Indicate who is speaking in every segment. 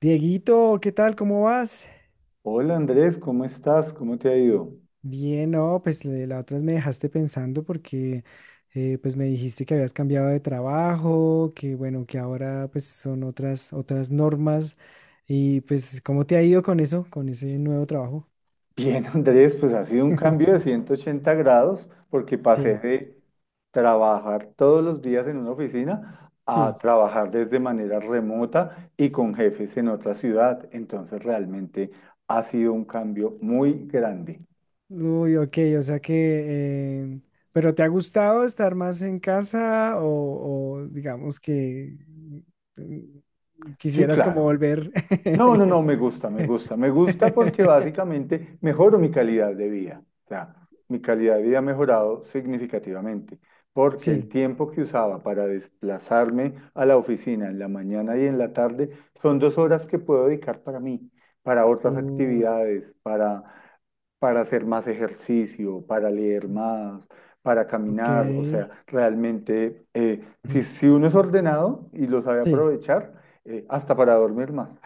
Speaker 1: Dieguito, ¿qué tal? ¿Cómo vas?
Speaker 2: Hola Andrés, ¿cómo estás? ¿Cómo te ha ido?
Speaker 1: Bien, no, pues la otra vez me dejaste pensando porque pues me dijiste que habías cambiado de trabajo, que bueno, que ahora pues son otras normas y pues ¿cómo te ha ido con eso, con ese nuevo trabajo?
Speaker 2: Bien, Andrés, pues ha sido un cambio de 180 grados porque pasé
Speaker 1: Sí,
Speaker 2: de trabajar todos los días en una oficina a
Speaker 1: sí.
Speaker 2: trabajar desde manera remota y con jefes en otra ciudad. Entonces realmente ha sido un cambio muy grande.
Speaker 1: Uy, ok, o sea que, eh, pero ¿te ha gustado estar más en casa o digamos que mm,
Speaker 2: Sí,
Speaker 1: quisieras como
Speaker 2: claro.
Speaker 1: volver?
Speaker 2: No, no, no, me gusta, me gusta, me gusta porque básicamente mejoro mi calidad de vida. O sea, mi calidad de vida ha mejorado significativamente porque el
Speaker 1: Sí.
Speaker 2: tiempo que usaba para desplazarme a la oficina en la mañana y en la tarde son 2 horas que puedo dedicar para mí, para otras
Speaker 1: Uh,
Speaker 2: actividades, para hacer más ejercicio, para leer más, para
Speaker 1: ok.
Speaker 2: caminar. O sea, realmente, si,
Speaker 1: Mm.
Speaker 2: si uno es ordenado y lo sabe
Speaker 1: Sí.
Speaker 2: aprovechar, hasta para dormir más.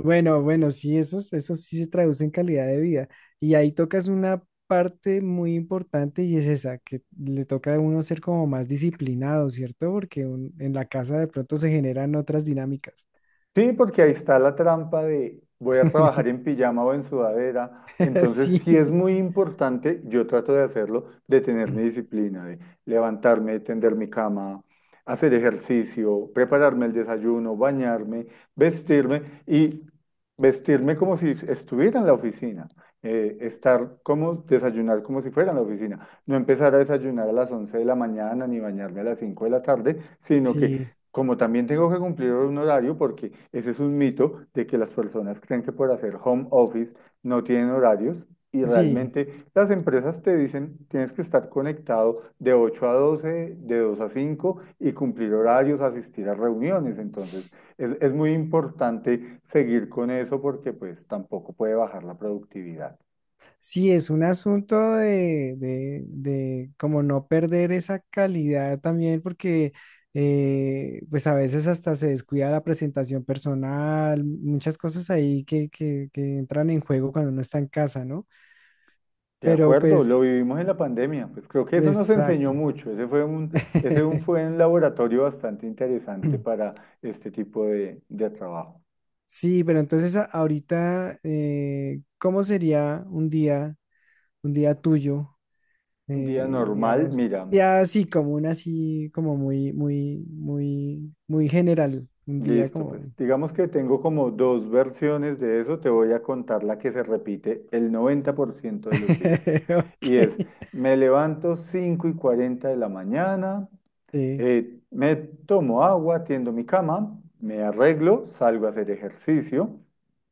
Speaker 1: Bueno, bueno, sí, esos sí se traducen en calidad de vida. Y ahí tocas una parte muy importante y es esa, que le toca a uno ser como más disciplinado, ¿cierto? Porque en la casa de pronto se generan otras dinámicas.
Speaker 2: Sí, porque ahí está la trampa de voy a trabajar en pijama o en sudadera. Entonces,
Speaker 1: Sí,
Speaker 2: sí es muy importante, yo trato de hacerlo, de tener mi disciplina, de levantarme, tender mi cama, hacer ejercicio, prepararme el desayuno, bañarme, vestirme y vestirme como si estuviera en la oficina. Desayunar como si fuera en la oficina. No empezar a desayunar a las 11 de la mañana ni bañarme a las 5 de la tarde, sino
Speaker 1: sí,
Speaker 2: que como también tengo que cumplir un horario, porque ese es un mito de que las personas creen que por hacer home office no tienen horarios y
Speaker 1: sí.
Speaker 2: realmente las empresas te dicen tienes que estar conectado de 8 a 12 de 2 a 5 y cumplir horarios, asistir a reuniones. Entonces es muy importante seguir con eso porque pues tampoco puede bajar la productividad.
Speaker 1: Sí, es un asunto de, de como no perder esa calidad también, porque pues a veces hasta se descuida la presentación personal, muchas cosas ahí que, que entran en juego cuando uno está en casa, ¿no?
Speaker 2: De
Speaker 1: Pero
Speaker 2: acuerdo, lo
Speaker 1: pues,
Speaker 2: vivimos en la pandemia, pues creo que eso nos enseñó
Speaker 1: exacto.
Speaker 2: mucho, ese fue un, ese un- fue un laboratorio bastante interesante para este tipo de trabajo.
Speaker 1: Sí, pero entonces ahorita, ¿cómo sería un día tuyo?
Speaker 2: Un día normal,
Speaker 1: Digamos,
Speaker 2: mira,
Speaker 1: ya así como un así, como muy, muy, muy, muy general, un día
Speaker 2: listo, pues
Speaker 1: como,
Speaker 2: digamos que tengo como dos versiones de eso, te voy a contar la que se repite el 90% de los días. Y
Speaker 1: ok,
Speaker 2: es, me levanto 5:40 de la mañana.
Speaker 1: sí,
Speaker 2: Me tomo agua, tiendo mi cama, me arreglo, salgo a hacer ejercicio,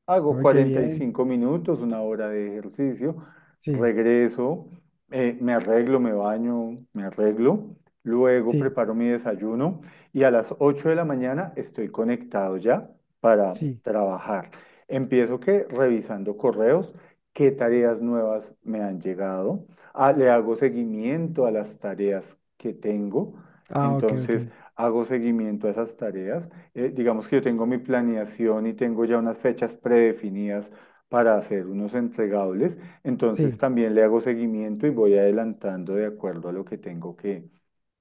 Speaker 2: hago
Speaker 1: muy qué
Speaker 2: cuarenta y
Speaker 1: bien,
Speaker 2: cinco minutos, una hora de ejercicio,
Speaker 1: sí,
Speaker 2: regreso, me arreglo, me baño, me arreglo, luego
Speaker 1: sí,
Speaker 2: preparo mi desayuno y a las 8 de la mañana estoy conectado ya para
Speaker 1: sí,
Speaker 2: trabajar. Empiezo que revisando correos, qué tareas nuevas me han llegado. Ah, le hago seguimiento a las tareas que tengo.
Speaker 1: ah, ok, ok,
Speaker 2: Entonces, hago seguimiento a esas tareas. Digamos que yo tengo mi planeación y tengo ya unas fechas predefinidas para hacer unos entregables. Entonces,
Speaker 1: sí,
Speaker 2: también le hago seguimiento y voy adelantando de acuerdo a lo que tengo que,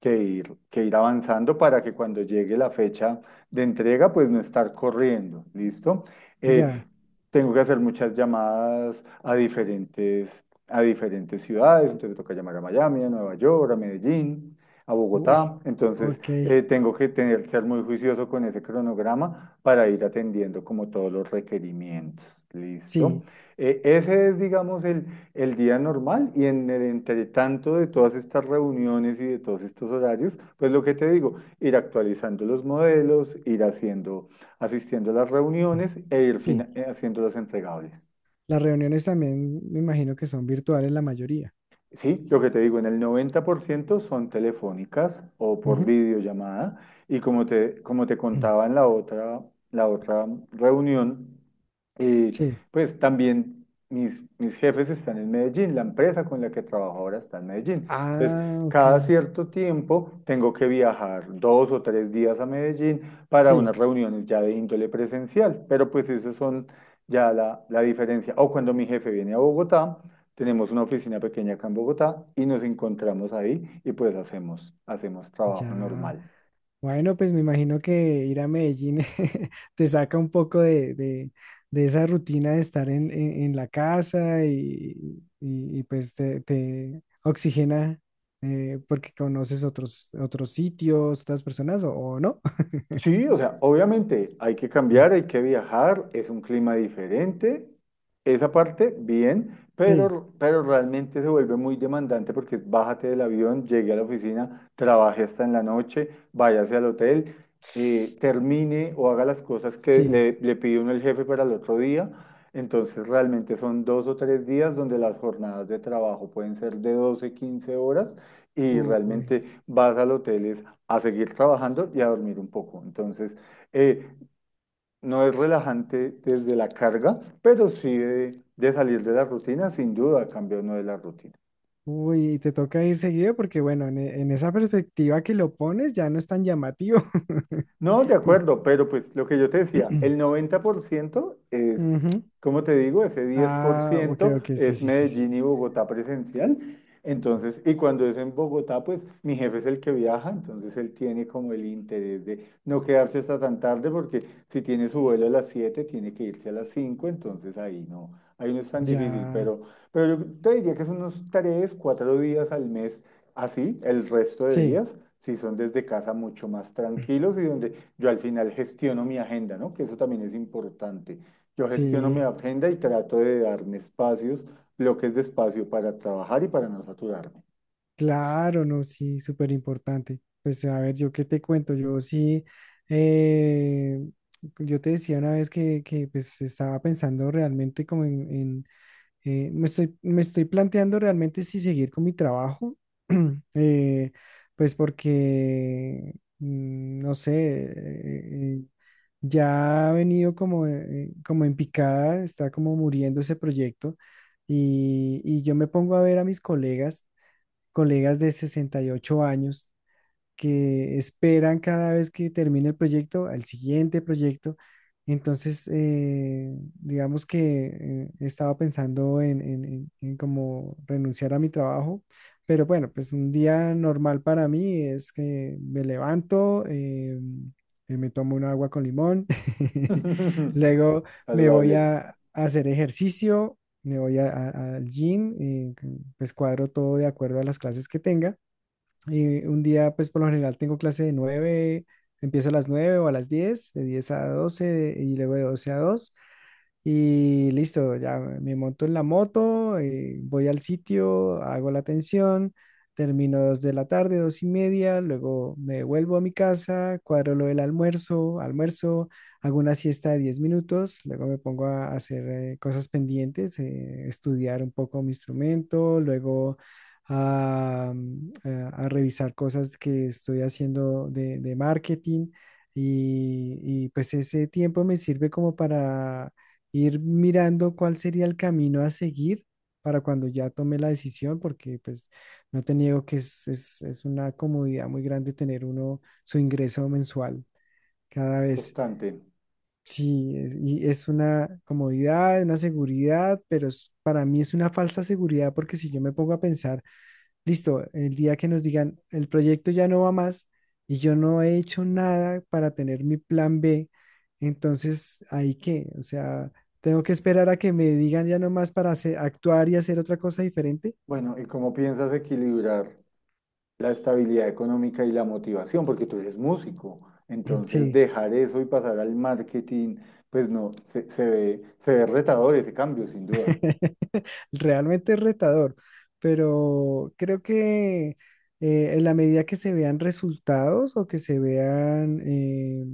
Speaker 2: que ir, que ir avanzando para que cuando llegue la fecha de entrega, pues no estar corriendo. ¿Listo? Eh,
Speaker 1: ya,
Speaker 2: tengo que hacer muchas llamadas a diferentes ciudades. Entonces, me toca llamar a Miami, a Nueva York, a Medellín a
Speaker 1: uy,
Speaker 2: Bogotá. Entonces,
Speaker 1: ok,
Speaker 2: ser muy juicioso con ese cronograma para ir atendiendo como todos los requerimientos. ¿Listo?
Speaker 1: sí,
Speaker 2: Ese es, digamos, el día normal y en el entretanto de todas estas reuniones y de todos estos horarios, pues lo que te digo, ir actualizando los modelos, ir haciendo, asistiendo a las reuniones e
Speaker 1: sí,
Speaker 2: haciéndolas entregables.
Speaker 1: las reuniones también me imagino que son virtuales la mayoría,
Speaker 2: Sí, lo que te digo, en el 90% son telefónicas o por
Speaker 1: ujú.
Speaker 2: videollamada. Y como te contaba en la otra reunión, eh,
Speaker 1: sí,
Speaker 2: pues también mis jefes están en Medellín, la empresa con la que trabajo ahora está en Medellín. Entonces,
Speaker 1: ah, ok,
Speaker 2: cada cierto tiempo tengo que viajar 2 o 3 días a Medellín para
Speaker 1: sí,
Speaker 2: unas reuniones ya de índole presencial, pero pues esas son ya la diferencia. O cuando mi jefe viene a Bogotá. Tenemos una oficina pequeña acá en Bogotá y nos encontramos ahí y pues hacemos trabajo
Speaker 1: ya.
Speaker 2: normal.
Speaker 1: Bueno, pues me imagino que ir a Medellín te saca un poco de, de esa rutina de estar en, en la casa y, y, pues te oxigena porque conoces otros, otros sitios, otras personas o no.
Speaker 2: Sí, o sea, obviamente hay que cambiar, hay que viajar, es un clima diferente, esa parte bien,
Speaker 1: Sí,
Speaker 2: pero realmente se vuelve muy demandante porque es bájate del avión, llegue a la oficina, trabaje hasta en la noche, váyase al hotel, termine o haga las cosas que
Speaker 1: sí.
Speaker 2: le pide uno el jefe para el otro día. Entonces realmente son 2 o 3 días donde las jornadas de trabajo pueden ser de 12 15 horas y
Speaker 1: Uy,
Speaker 2: realmente vas al hotel, es a seguir trabajando y a dormir un poco. Entonces, eh, no es relajante desde la carga, pero sí de salir de la rutina, sin duda, cambia uno de la rutina.
Speaker 1: uy, y te toca ir seguido porque bueno, en, en esa perspectiva que lo pones ya no es tan llamativo.
Speaker 2: No, de acuerdo, pero pues lo que yo te decía, el 90% es,
Speaker 1: Ujú.
Speaker 2: como te digo, ese diez por
Speaker 1: Ah, ok,
Speaker 2: ciento
Speaker 1: ok, sí,
Speaker 2: es
Speaker 1: sí, sí, sí.
Speaker 2: Medellín y Bogotá presencial. Entonces, y cuando es en Bogotá, pues mi jefe es el que viaja, entonces él tiene como el interés de no quedarse hasta tan tarde, porque si tiene su vuelo a las 7, tiene que irse a las 5, entonces ahí no es tan difícil,
Speaker 1: Ya,
Speaker 2: pero yo te diría que son unos 3, 4 días al mes. Así, el resto de
Speaker 1: sí,
Speaker 2: días, si son desde casa mucho más tranquilos y donde yo al final gestiono mi agenda, ¿no? Que eso también es importante. Yo gestiono mi
Speaker 1: sí,
Speaker 2: agenda y trato de darme espacios, bloques de espacio para trabajar y para no saturarme.
Speaker 1: claro, no, sí, súper importante. Pues a ver, yo qué te cuento, yo sí, eh, yo te decía una vez que pues estaba pensando realmente como en, en. Me estoy planteando realmente si seguir con mi trabajo, eh, pues porque, no sé, eh, eh, ya ha venido como, como en picada, está como muriendo ese proyecto y yo me pongo a ver a mis colegas, colegas de 68 años que esperan cada vez que termina el proyecto al siguiente proyecto. Entonces, digamos que estaba pensando en, en como renunciar a mi trabajo, pero bueno, pues un día normal para mí es que me levanto, me tomo un agua con limón, luego me voy
Speaker 2: Saludable,
Speaker 1: a hacer ejercicio, me voy al gym, pues cuadro todo de acuerdo a las clases que tenga. Y un día, pues por lo general tengo clase de 9, empiezo a las 9 o a las 10, de 10 a 12 y luego de 12 a 2 y listo, ya me monto en la moto, voy al sitio, hago la atención, termino dos de la tarde, dos y media, luego me vuelvo a mi casa, cuadro lo del almuerzo, almuerzo, hago una siesta de 10 minutos, luego me pongo a hacer cosas pendientes, estudiar un poco mi instrumento, luego a, a revisar cosas que estoy haciendo de marketing y pues ese tiempo me sirve como para ir mirando cuál sería el camino a seguir para cuando ya tome la decisión, porque pues no te niego que es, es una comodidad muy grande tener uno su ingreso mensual cada vez.
Speaker 2: constante.
Speaker 1: Sí, es, y es una comodidad, una seguridad, pero para mí es una falsa seguridad porque si yo me pongo a pensar listo, el día que nos digan, el proyecto ya no va más y yo no he hecho nada para tener mi plan B, entonces, ¿ahí qué? O sea, ¿tengo que esperar a que me digan ya no más para actuar y hacer otra cosa diferente?
Speaker 2: Bueno, ¿y cómo piensas equilibrar la estabilidad económica y la motivación? Porque tú eres músico, entonces
Speaker 1: Sí,
Speaker 2: dejar eso y pasar al marketing, pues no, se ve retador ese cambio, sin duda.
Speaker 1: realmente es retador, pero creo que en la medida que se vean resultados o que se vean... eh,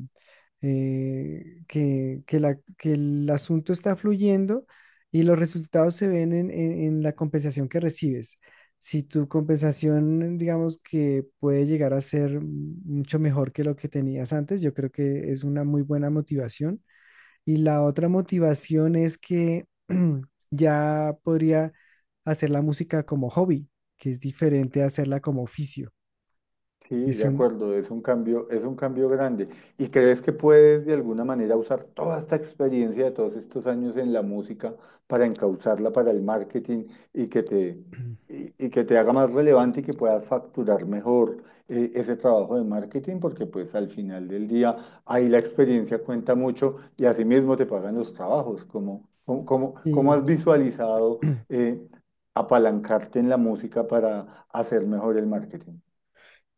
Speaker 1: eh, que, que el asunto está fluyendo y los resultados se ven en, en la compensación que recibes. Si tu compensación, digamos que puede llegar a ser mucho mejor que lo que tenías antes, yo creo que es una muy buena motivación. Y la otra motivación es que ya podría hacer la música como hobby, que es diferente a hacerla como oficio.
Speaker 2: Sí, de
Speaker 1: Eso,
Speaker 2: acuerdo, es un cambio grande. ¿Y crees que puedes de alguna manera usar toda esta experiencia de todos estos años en la música para encauzarla para el marketing y que te, y, y que te haga más relevante y que puedas facturar mejor ese trabajo de marketing? Porque pues al final del día ahí la experiencia cuenta mucho y asimismo te pagan los trabajos. ¿Cómo has
Speaker 1: sí.
Speaker 2: visualizado apalancarte en la música para hacer mejor el marketing?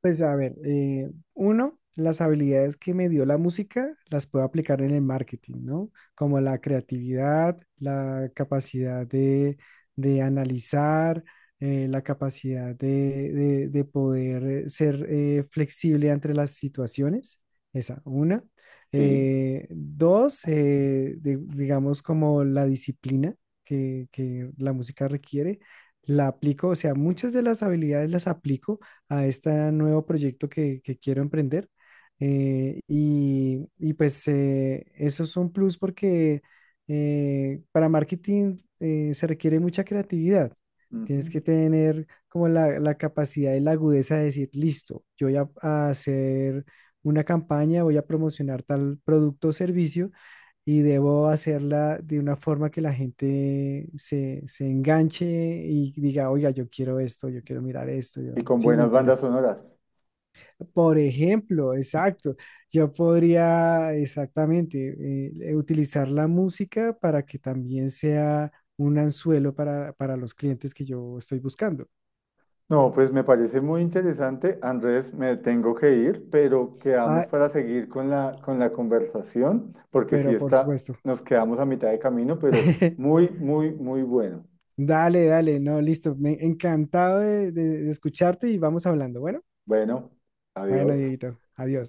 Speaker 1: Pues a ver, uno, las habilidades que me dio la música las puedo aplicar en el marketing, ¿no? Como la creatividad, la capacidad de analizar, la capacidad de, de poder ser flexible entre las situaciones. Esa, una.
Speaker 2: Sí.
Speaker 1: Dos, digamos como la disciplina que la música requiere la aplico, o sea, muchas de las habilidades las aplico a este nuevo proyecto que quiero emprender. Y, y pues eso es un plus porque para marketing se requiere mucha creatividad. Tienes que
Speaker 2: Ujú.
Speaker 1: tener como la capacidad y la agudeza de decir, listo, yo voy a hacer una campaña, voy a promocionar tal producto o servicio y debo hacerla de una forma que la gente se, se enganche y diga, oiga, yo quiero esto, yo quiero mirar esto, yo,
Speaker 2: Y con
Speaker 1: sí, me
Speaker 2: buenas bandas
Speaker 1: interesa.
Speaker 2: sonoras.
Speaker 1: Por ejemplo, exacto. Yo podría exactamente utilizar la música para que también sea un anzuelo para los clientes que yo estoy buscando.
Speaker 2: No, pues me parece muy interesante. Andrés, me tengo que ir, pero quedamos
Speaker 1: Ah,
Speaker 2: para seguir con la conversación, porque si
Speaker 1: pero por
Speaker 2: está,
Speaker 1: supuesto.
Speaker 2: nos quedamos a mitad de camino, pero muy, muy, muy bueno.
Speaker 1: Dale, dale, no, listo. Me, encantado de escucharte y vamos hablando. Bueno,
Speaker 2: Bueno,
Speaker 1: bueno,
Speaker 2: adiós.
Speaker 1: Dieguito, adiós.